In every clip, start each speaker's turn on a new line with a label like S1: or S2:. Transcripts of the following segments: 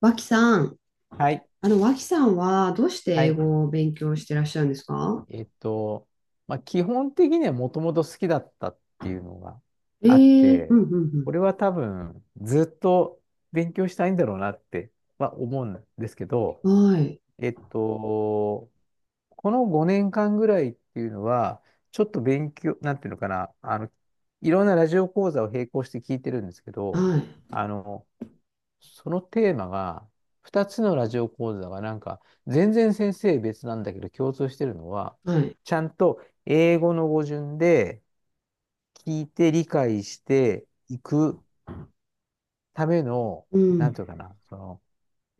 S1: 脇さん、
S2: はい。
S1: 脇さんはどうして
S2: は
S1: 英
S2: い。
S1: 語を勉強してらっしゃるんですか？
S2: えっと、まあ、基本的にはもともと好きだったっていうのが
S1: え
S2: あっ
S1: えー、う
S2: て、
S1: んうん
S2: これは多分ずっと勉強したいんだろうなっては思うんですけど、
S1: うん。はい、
S2: えっと、この5年間ぐらいっていうのは、ちょっと勉強、なんていうのかな、いろんなラジオ講座を並行して聞いてるんですけど、
S1: はい、
S2: あの、そのテーマが、2つのラジオ講座がなんか、全然先生別なんだけど共通してるのは、
S1: はい、
S2: ちゃんと英語の語順で聞いて理解していくための、
S1: う
S2: なん
S1: ん、
S2: ていうかな、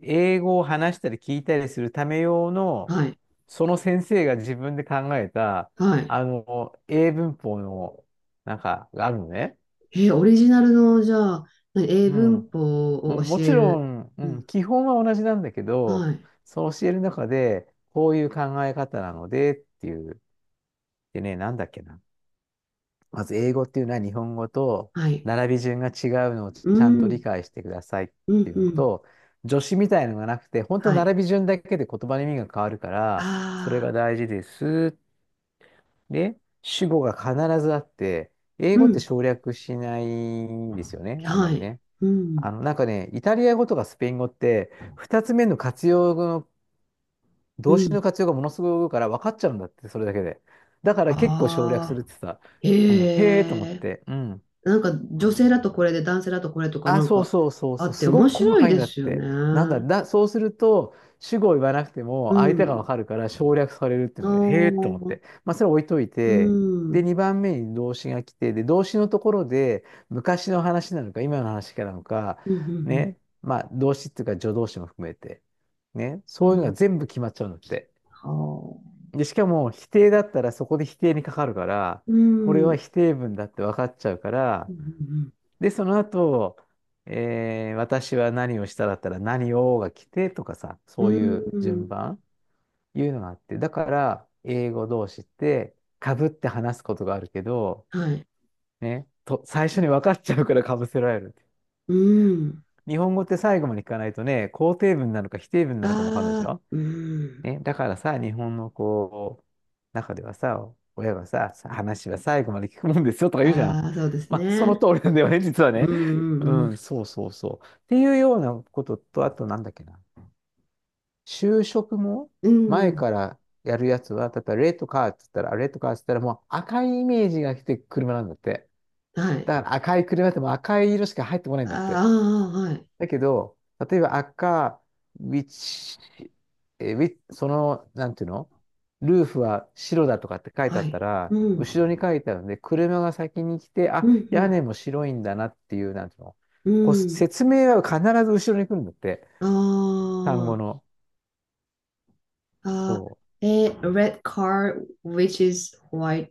S2: 英語を話したり聞いたりするため用の、
S1: はい、
S2: その先生が自分で考えた、
S1: はい。
S2: 英文法の、なんか、があるのね。
S1: オリジナルの、じゃあ、何英
S2: うん。
S1: 文法
S2: う
S1: を
S2: んも
S1: 教
S2: ち
S1: え
S2: ろ
S1: る。
S2: ん、う
S1: う
S2: ん、
S1: ん、
S2: 基本は同じなんだけど、
S1: はい、
S2: そう教える中で、こういう考え方なのでっていう、でね、なんだっけな。まず英語っていうのは日本語と
S1: はい、
S2: 並び順が違うのをち
S1: う
S2: ゃんと理
S1: ん、
S2: 解してくださいっ
S1: う
S2: て
S1: ん、
S2: いうの
S1: うん、
S2: と、助詞みたいのがなくて、本当
S1: はい。
S2: 並び順だけで言葉の意味が変わるから、それ
S1: ああ、
S2: が大事です。で、主語が必ずあって、英
S1: う
S2: 語って
S1: ん、
S2: 省略しないんですよね、あんま
S1: は
S2: り
S1: い、
S2: ね。
S1: うん、
S2: なんかね、イタリア語とかスペイン語って、二つ目の活用語の、
S1: う
S2: 動詞
S1: ん。
S2: の活用がものすごい多いから分かっちゃうんだって、それだけで。だから結構省略す
S1: あ
S2: るっ
S1: あ、
S2: てさ、うん、
S1: へ
S2: へえと思っ
S1: え。
S2: て、うん。
S1: なんか女性だとこれで男性だとこれとか
S2: あ、
S1: なん
S2: そう
S1: か
S2: そうそう
S1: あ
S2: そう、
S1: って
S2: す
S1: 面
S2: ごく細
S1: 白い
S2: かいん
S1: で
S2: だっ
S1: すよ
S2: て。なんだ、
S1: ね。
S2: だ、そうすると、主語を言わなくて
S1: う
S2: も相手が
S1: ん。
S2: わかるから省略されるってい
S1: あ
S2: う
S1: あ、
S2: ので、へえと
S1: う
S2: 思っ
S1: ん。
S2: て。まあ、それ置いとい
S1: う
S2: て、で、
S1: ん、
S2: 2番目に動詞が来て、で、動詞のところで、昔の話なのか、今の話かなのか、
S1: うん、
S2: ね、まあ、動詞っていうか助動詞も含めて、ね、
S1: うん。
S2: そう
S1: う
S2: いうのが
S1: ん、
S2: 全部決まっちゃうんだって。
S1: はあ。
S2: で、しかも、否定だったらそこで否定にかかるから、
S1: う
S2: これは
S1: ん。
S2: 否定文だって分かっちゃうか
S1: う
S2: ら、
S1: ん。
S2: で、その後、私は何をしただったら何をが来てとかさ、
S1: う
S2: そういう順
S1: ん。
S2: 番、いうのがあって、だから、英語同士って、かぶって話すことがあるけど、
S1: はい。
S2: ね、と、最初に分かっちゃうからかぶせられる。
S1: うん。
S2: 日本語って最後まで聞かないとね、肯定文なのか否定文なのかも分かんないでし
S1: ああ、
S2: ょ
S1: うん。
S2: ね、だからさ、日本のこう、中ではさ、親がさ、さ話は最後まで聞くもんですよとか言うじゃん。
S1: ああ、そうです
S2: まあ、その
S1: ね。
S2: 通りなんだよね、実は
S1: うん。
S2: ね。
S1: う
S2: う
S1: ん。
S2: ん、そうそうそう。っていうようなことと、あとなんだっけな。就職も
S1: うん。う
S2: 前
S1: ん、
S2: からやるやつは、例えばレッドカーって言ったら、あレッドカーって言ったらもう赤いイメージが来て車なんだって。
S1: はい。
S2: だから赤い車ってもう赤い色しか入ってこないんだっ
S1: あ
S2: て。
S1: あ、はい。
S2: だけど、例えば赤、ウィッチ、えーウィなんていうのルーフは白だとかって書いてあ
S1: は
S2: った
S1: い。
S2: ら、
S1: うん。
S2: 後ろに書いてあるんで、車が先に来て、
S1: う
S2: あ、屋
S1: ん。
S2: 根も白いんだなっていう、なんていうの
S1: うん。
S2: こう
S1: うん。
S2: 説明は必ず後ろに来るんだって、
S1: あ
S2: 単語の。
S1: あ
S2: そう。
S1: ー、red car, which is white,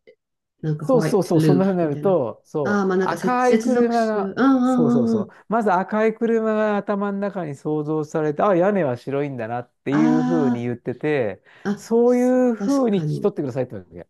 S1: なんか
S2: そうそう
S1: white
S2: そう、そんな
S1: roof
S2: 風にな
S1: み
S2: る
S1: たいな。
S2: と、
S1: あ
S2: そ
S1: あ、
S2: う、
S1: まあなんか
S2: 赤い
S1: 接続
S2: 車
S1: 詞。うんう
S2: が、
S1: ん
S2: そ
S1: う
S2: うそう
S1: んう
S2: そう、
S1: ん。
S2: まず赤い車が頭の中に想像されて、あ、屋根は白いんだなっていう風に
S1: あ
S2: 言ってて、
S1: あ、あ、
S2: そう
S1: そ
S2: い
S1: う
S2: う
S1: 確
S2: 風に
S1: か
S2: 聞き取
S1: に。
S2: ってくださいってわけ。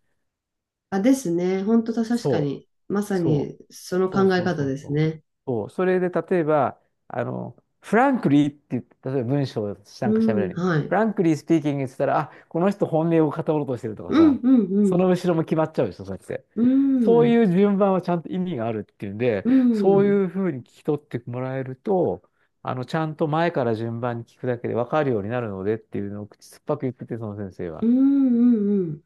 S1: あ、ですね。本当だ、確か
S2: そう。
S1: に。まさ
S2: そ
S1: に
S2: う。
S1: その
S2: そう
S1: 考え
S2: そう
S1: 方
S2: そう
S1: で
S2: そ
S1: す
S2: う。
S1: ね。
S2: そう。それで、例えば、フランクリーって言って、例えば文章をなん
S1: う
S2: か喋ら
S1: ん、
S2: ない。
S1: は
S2: フ
S1: い。
S2: ランクリースピーキングって言ったら、あ、この人本音を語ろうとしてるとか
S1: うん
S2: さ、
S1: うんう
S2: そ
S1: ん。
S2: の後ろも決まっちゃうでしょ、そうやって。
S1: う
S2: そうい
S1: ん
S2: う順番はちゃんと意味があるっていうんで、
S1: う
S2: そう
S1: ん
S2: いうふうに聞き取ってもらえると、ちゃんと前から順番に聞くだけで分かるようになるのでっていうのを口酸っぱく言ってて、その先生
S1: う
S2: は。
S1: んうんうん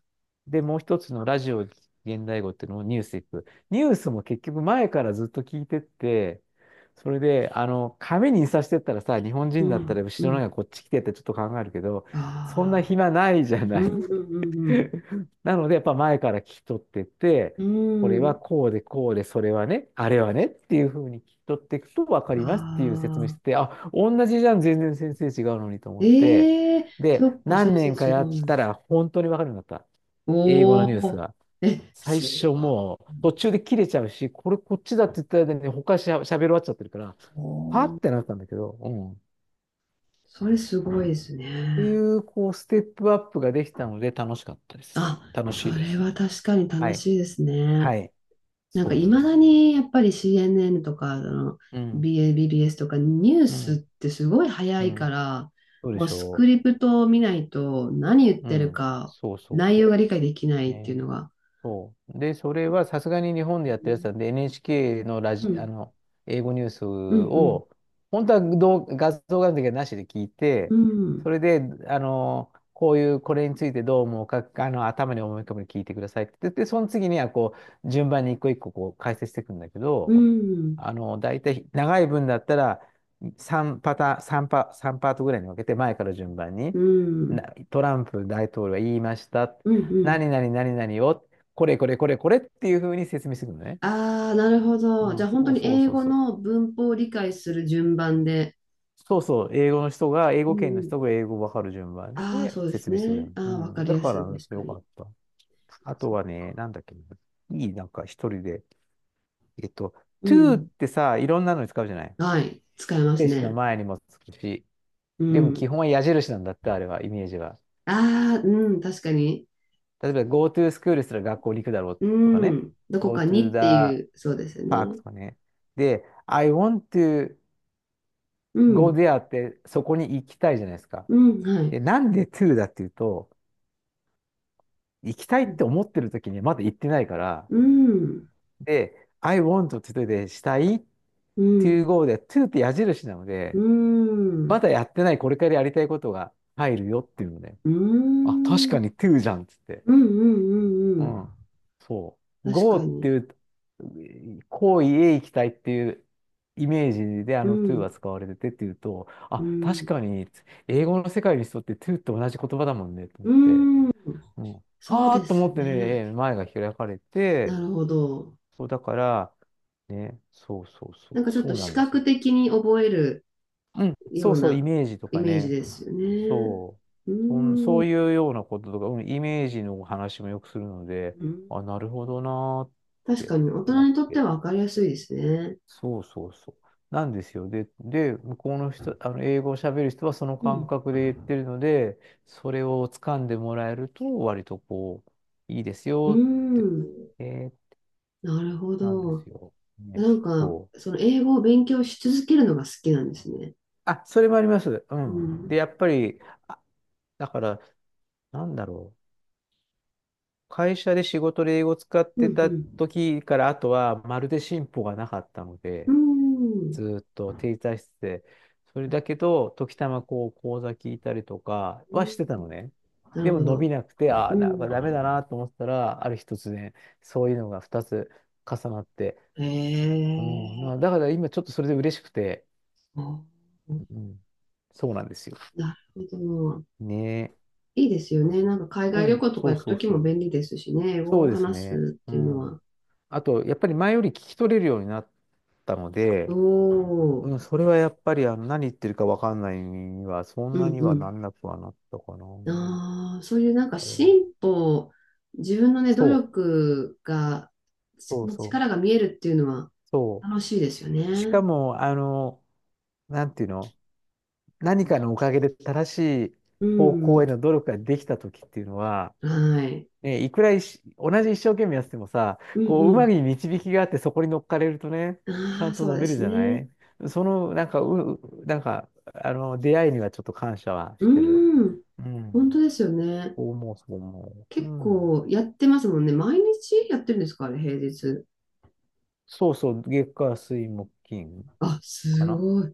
S2: で、もう一つのラジオ現代語っていうのもニュースいく。ニュースも結局前からずっと聞いてって、それで、紙に印刷してったらさ、日本人
S1: う
S2: だったら
S1: んう
S2: 後ろの
S1: ん。
S2: 方がこっち来てってちょっと考えるけど、そんな
S1: ああ、
S2: 暇ないじゃ
S1: う
S2: な
S1: ん
S2: い。
S1: うんうん
S2: なので、やっぱ前から聞き取ってって、
S1: うん。
S2: こ
S1: う
S2: れは
S1: ん。
S2: こうでこうで、それはね、あれはねっていうふうに聞き取っていくと分か
S1: あ
S2: りますっていう説明して
S1: あ。
S2: て、あ、同じじゃん、全然先生違うのにと思って、
S1: ええ、そ
S2: で、
S1: っか、先
S2: 何
S1: 生
S2: 年か
S1: 違う
S2: やっ
S1: の
S2: た
S1: に。
S2: ら本当に分かるようになった。英語
S1: お
S2: のニュース
S1: お、
S2: が。
S1: え、
S2: 最
S1: す
S2: 初
S1: ごい。
S2: もう途中で切れちゃうし、これこっちだって言った間に他しゃ、喋り終わっちゃってるから、はってなったんだけど、うん。っ
S1: それすごいです
S2: てい
S1: ね。
S2: う、こう、ステップアップができたので楽しかったです。
S1: あ、
S2: 楽
S1: そ
S2: しいで
S1: れ
S2: す。
S1: は確かに
S2: は
S1: 楽
S2: い。
S1: しいですね。
S2: はい。
S1: なんか
S2: そ
S1: いまだにやっぱり CNN とか
S2: う。うん。
S1: BBS とかニュー
S2: う
S1: スっ
S2: ん。
S1: てすごい早
S2: う
S1: いか
S2: ん。
S1: ら、
S2: そうで
S1: もう
S2: し
S1: スク
S2: ょ
S1: リプトを見ないと何言っ
S2: う。う
S1: てる
S2: ん。
S1: か
S2: そうそう
S1: 内
S2: そ
S1: 容が理解できな
S2: う。
S1: いっていう
S2: ね
S1: のが。
S2: そう。で、それはさすがに日本
S1: う
S2: でやってるやつ
S1: ん、
S2: なんで、NHK の
S1: うん、
S2: 英語ニュース
S1: うん、
S2: を、本当は動画像があるだけなしで聞い
S1: う
S2: て、
S1: ん、
S2: それで、こういう、これについてどう思うか、頭に思い浮かべて聞いてくださいって言って、その次には、こう、順番に一個一個、こう、解説していくんだけ
S1: う
S2: ど、
S1: ん、
S2: 大体、長い文だったら、3パターン、さんパ、3パートぐらいに分けて、前から順番に、
S1: う
S2: な
S1: ん。
S2: トランプ大統領は言いました。
S1: うんう
S2: 何
S1: ん。
S2: 々何々をこれこれこれこれっていう風に説明してくるのね。
S1: ああ、なるほ
S2: う
S1: ど。じ
S2: ん、
S1: ゃあ本当
S2: そう
S1: に
S2: そう
S1: 英
S2: そう
S1: 語
S2: そう。
S1: の文法を理解する順番で。
S2: そうそう、英語の人が、英
S1: う
S2: 語圏の
S1: んうん。
S2: 人が英語わかる順番
S1: ああ、
S2: で
S1: そうです
S2: 説明してくれ
S1: ね。
S2: る。
S1: あ
S2: う
S1: あ、わか
S2: ん、
S1: り
S2: だ
S1: や
S2: か
S1: す
S2: ら、
S1: い。確か
S2: よか
S1: に。
S2: った。あと
S1: そう、
S2: はね、なんだっけ、いい、なんか一人で、えっと、
S1: う
S2: to っ
S1: ん。
S2: てさ、いろんなのに使うじゃない
S1: はい。使えます
S2: 名詞の
S1: ね。
S2: 前にもつくし、
S1: う
S2: でも基本
S1: ん。
S2: は矢印なんだって、あれは、イメージは。
S1: ああ、うん。確かに。
S2: 例えば、go to school したら学校に行くだろう
S1: う
S2: とかね、
S1: ん。どこ
S2: go
S1: か
S2: to
S1: にって
S2: the
S1: いう、そうですよ
S2: park
S1: ね。
S2: とかね。で、I want to
S1: う
S2: go
S1: ん。
S2: there ってそこに行きたいじゃないですか。
S1: うん。はい。
S2: で、なんで to だっていうと、行きたいって思ってる時にはまだ行ってないから、
S1: うん。
S2: で、I want to でしたい
S1: う
S2: to
S1: ん。
S2: go で to って矢印なの
S1: う
S2: で、
S1: ん。う
S2: ま
S1: ん。
S2: だやってないこれからやりたいことが入るよっていうので、
S1: う
S2: あ、確
S1: ん。うん。
S2: かに to じゃんっつって。
S1: うん。う
S2: う
S1: ん、
S2: ん。そう。
S1: 確
S2: Go
S1: か
S2: って
S1: に。
S2: いう、行為へ行きたいっていうイメージであ
S1: う
S2: の to
S1: ん。
S2: は使われててっていうと、あ、
S1: う
S2: 確
S1: ん。
S2: かに英語の世界にとって to と同じ言葉だもんねと思
S1: う
S2: って、
S1: ん。
S2: うん。
S1: そう
S2: ああ
S1: で
S2: と思
S1: す
S2: ってね、
S1: ね。
S2: 前が開かれ
S1: な
S2: て、
S1: るほど。
S2: そうだから、ね、そうそうそう、
S1: なんかちょっ
S2: そ
S1: と
S2: うな
S1: 視
S2: んです
S1: 覚
S2: よ。
S1: 的に覚える
S2: うん、
S1: よ
S2: そう
S1: う
S2: そう、イ
S1: な
S2: メージと
S1: イ
S2: か
S1: メージ
S2: ね、
S1: ですよね。
S2: そう。
S1: うー
S2: そうい
S1: ん。
S2: うようなこととか、うん、イメージの話もよくするので、
S1: うん、
S2: あ、なるほどなーっ
S1: 確
S2: て
S1: かに大
S2: 思
S1: 人
S2: っ
S1: にとって
S2: て。
S1: は分かりやすいですね。
S2: そうそうそう。なんですよ。で、向こうの人、あの、英語を喋る人はその
S1: う
S2: 感
S1: ん。
S2: 覚で言ってるので、それを掴んでもらえると、割とこう、いいです
S1: うー
S2: よって、
S1: ん。
S2: えー
S1: なるほ
S2: なんで
S1: ど。
S2: すよ。ね、
S1: なんか、
S2: そう。
S1: その英語を勉強し続けるのが好きなんですね。
S2: あ、それもあります。う
S1: う
S2: ん。で、
S1: ん。
S2: やっぱり、あ、だから、なんだろう。会社で仕事で英語を使っ
S1: う
S2: てた
S1: ん、
S2: 時から、あとはまるで進歩がなかったの
S1: う
S2: で、
S1: ん。うん。
S2: ずーっと停滞してて、それだけど、時たまこう講座聞いたりとか
S1: う
S2: はしてたの
S1: ん、
S2: ね。
S1: なる
S2: でも
S1: ほ
S2: 伸び
S1: ど。
S2: なくて、ああ、
S1: う
S2: なん
S1: ん。
S2: かダメだなと思ったら、ある日突然、そういうのが二つ重なって、
S1: へ
S2: うん、な
S1: え。
S2: だから今ちょっとそれで嬉しくて、
S1: あ、
S2: うん、そうなんですよ。
S1: なるほど。
S2: ね
S1: いいですよね。なんか海
S2: え。う
S1: 外旅
S2: ん、
S1: 行とか
S2: そう
S1: 行く
S2: そ
S1: と
S2: う
S1: き
S2: そ
S1: も
S2: う。
S1: 便利ですしね。英
S2: そ
S1: 語
S2: う
S1: を
S2: です
S1: 話
S2: ね。
S1: すっ
S2: う
S1: ていうのは。
S2: ん。あと、やっぱり前より聞き取れるようになったの
S1: お
S2: で、
S1: ー、
S2: うん、それはやっぱりあの何言ってるかわかんないには、そん
S1: う
S2: な
S1: ん
S2: にはな
S1: う
S2: んなくはなったかな。
S1: ん。ああ、そういうなんか
S2: あれ。
S1: 進歩、自分のね、努
S2: そう、
S1: 力が、
S2: そうそう、
S1: 力が見えるっていうのは
S2: そ
S1: 楽しいですよ
S2: う。しか
S1: ね。
S2: も、あの、なんていうの、何かのおかげで正しい
S1: う
S2: 方向へ
S1: ん。
S2: の努力ができた時っていうのは、
S1: はい。
S2: ね、いくらいし同じ一生懸命やっててもさ、
S1: う
S2: こう、うま
S1: ん
S2: く導きがあってそこに乗っかれるとね、
S1: う
S2: ち
S1: ん。あ
S2: ゃん
S1: あ、
S2: と
S1: そう
S2: 伸
S1: で
S2: びる
S1: す
S2: じゃな
S1: ね。
S2: いその、なんか、あの、出会いにはちょっと感謝は
S1: う
S2: してる。
S1: ん。
S2: う
S1: 本当
S2: ん。
S1: ですよね。
S2: そう思う、そう思う。う
S1: 結
S2: ん。
S1: 構やってますもんね。毎日やってるんですかあれ、平日。
S2: そうそう、月火水木金
S1: あ、
S2: か
S1: す
S2: な。
S1: ごい。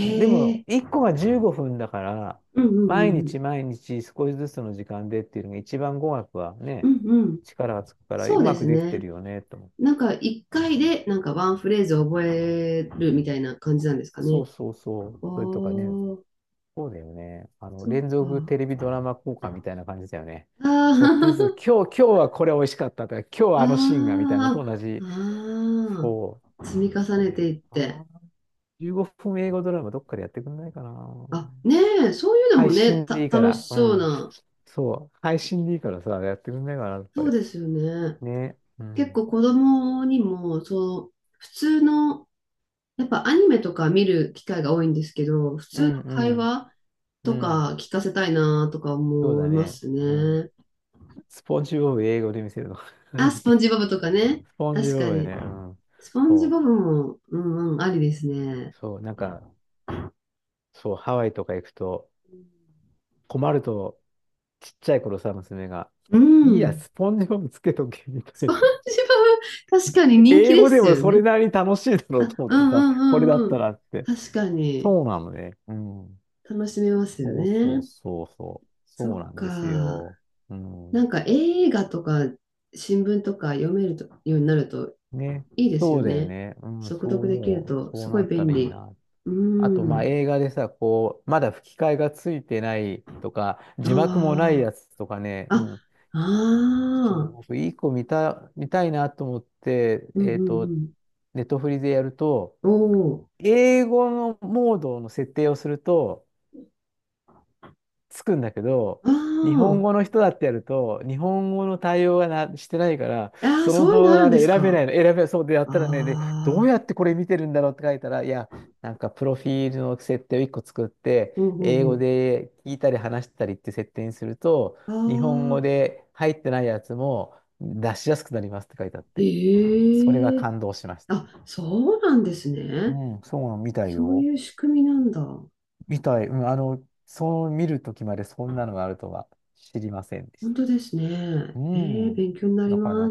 S2: うんでも、
S1: え、
S2: 1個が15分だから、
S1: うんうんう
S2: 毎
S1: ん
S2: 日毎日少しずつの時間でっていうのが一番語学は
S1: う
S2: ね、
S1: ん。うんうん。
S2: 力がつくから、
S1: そ
S2: う
S1: うで
S2: まく
S1: す
S2: できて
S1: ね。
S2: るよね、と思う。
S1: なんか一回でなんかワンフレーズ覚えるみたいな感じなんですか
S2: そう
S1: ね。
S2: そうそう。それとかね、
S1: おー、
S2: そうだよね。あの、
S1: そっ
S2: 連続テ
S1: か。
S2: レビドラマ効果みたいな感じだよね。ちょっと
S1: あ
S2: ずつ、今日はこれ美味しかったとか、今日
S1: ー
S2: は あのシーンがみたいなのと
S1: あ
S2: 同
S1: ー、
S2: じ。
S1: あ
S2: そ
S1: ー、積み
S2: う。
S1: 重
S2: そう
S1: ね
S2: だよ
S1: ていって。
S2: な。15分英語ドラマどっかでやってくんないかな。
S1: あ、ねえ、そういうのも
S2: 配
S1: ね、
S2: 信でいいか
S1: 楽
S2: ら。
S1: し
S2: う
S1: そう
S2: ん。
S1: な。
S2: そう。配信でいいからさ、やってくんないかな、どっか
S1: そう
S2: で。
S1: ですよね。
S2: ね。う
S1: 結
S2: ん。
S1: 構子供にも、そう、普通の、やっぱアニメとか見る機会が多いんですけど、普
S2: う
S1: 通の
S2: んう
S1: 会
S2: ん。
S1: 話、
S2: う
S1: と
S2: ん。
S1: か聞かせたいなとか
S2: そう
S1: 思
S2: だ
S1: いま
S2: ね。
S1: す
S2: うん。
S1: ね。
S2: スポンジボブ英語で見せるの。
S1: あ、
S2: 何言
S1: ス
S2: って
S1: ポンジボブとかね。
S2: スポンジ
S1: 確
S2: ボ
S1: か
S2: ブ
S1: に。
S2: ね。うん。
S1: スポンジ
S2: そ
S1: ボブも、うんうん、ありです
S2: う。
S1: ね。
S2: そう。なんか、そう、ハワイとか行くと、困ると、ちっちゃい頃さ、娘が、
S1: う
S2: いいや、
S1: ん。
S2: スポンジボブつけとけ、み
S1: ス
S2: たい
S1: ポン
S2: な。
S1: ジボブ、確かに人気
S2: 英
S1: で
S2: 語で
S1: す
S2: も
S1: よ
S2: それ
S1: ね。
S2: なりに楽しいだろ
S1: あ、
S2: うと思っ
S1: う
S2: て
S1: んう
S2: さ、これだ
S1: んうん
S2: った
S1: うん。
S2: らって。
S1: 確かに、
S2: そうなのね。うん。
S1: 楽しめますよ
S2: そうそう
S1: ね。
S2: そうそう。
S1: そ
S2: そう
S1: っ
S2: なんです
S1: か。
S2: よ。う
S1: な
S2: ん。
S1: んか映画とか新聞とか読めるとようになると
S2: ね。
S1: いいです
S2: そ
S1: よ
S2: うだよ
S1: ね。
S2: ね。うん。
S1: 速
S2: そう
S1: 読できる
S2: 思う。
S1: と
S2: そ
S1: す
S2: う
S1: ご
S2: な
S1: い
S2: った
S1: 便
S2: らいい
S1: 利。
S2: な。
S1: う
S2: あと、まあ、
S1: ん。
S2: 映画でさ、こう、まだ吹き替えがついてないとか、字幕もない
S1: あ
S2: やつとかね。
S1: あ。
S2: う
S1: あ、
S2: ん。
S1: あ
S2: そう、
S1: あ、
S2: 僕、いい子見た、見たいなと思って、
S1: うんうんうん。
S2: ネットフリでやると、
S1: おお、
S2: 英語のモードの設定をすると、つくんだけど、
S1: あ
S2: 日本語の人だってやると、日本語の対応がなしてないから、
S1: あ、ああ、
S2: その
S1: そういう
S2: 動
S1: の
S2: 画
S1: あるん
S2: が
S1: で
S2: ね、
S1: す
S2: 選べ
S1: か？
S2: ないの、選べ、そうでやっ
S1: あ
S2: たらね、で、どうや
S1: あ、
S2: ってこれ見てるんだろうって書いたら、いや、なんかプロフィールの設定を1個作って、
S1: う
S2: 英
S1: んう
S2: 語
S1: ん
S2: で聞いたり話したりって設定にすると、
S1: う
S2: 日本
S1: ん。
S2: 語
S1: ああ、
S2: で入ってないやつも出しやすくなりますって書いてあって、それは
S1: ええ、
S2: 感動しました。
S1: あ、そうなんですね。
S2: うん、そうなの、見たい
S1: そう
S2: よ。
S1: いう仕組みなんだ。
S2: 見たい。うん、あの、そう見るときまでそんなのがあるとは知りませんでし
S1: 本
S2: た。
S1: 当ですね。
S2: う
S1: ええ、
S2: ん。
S1: 勉強になり
S2: な
S1: ます。
S2: かな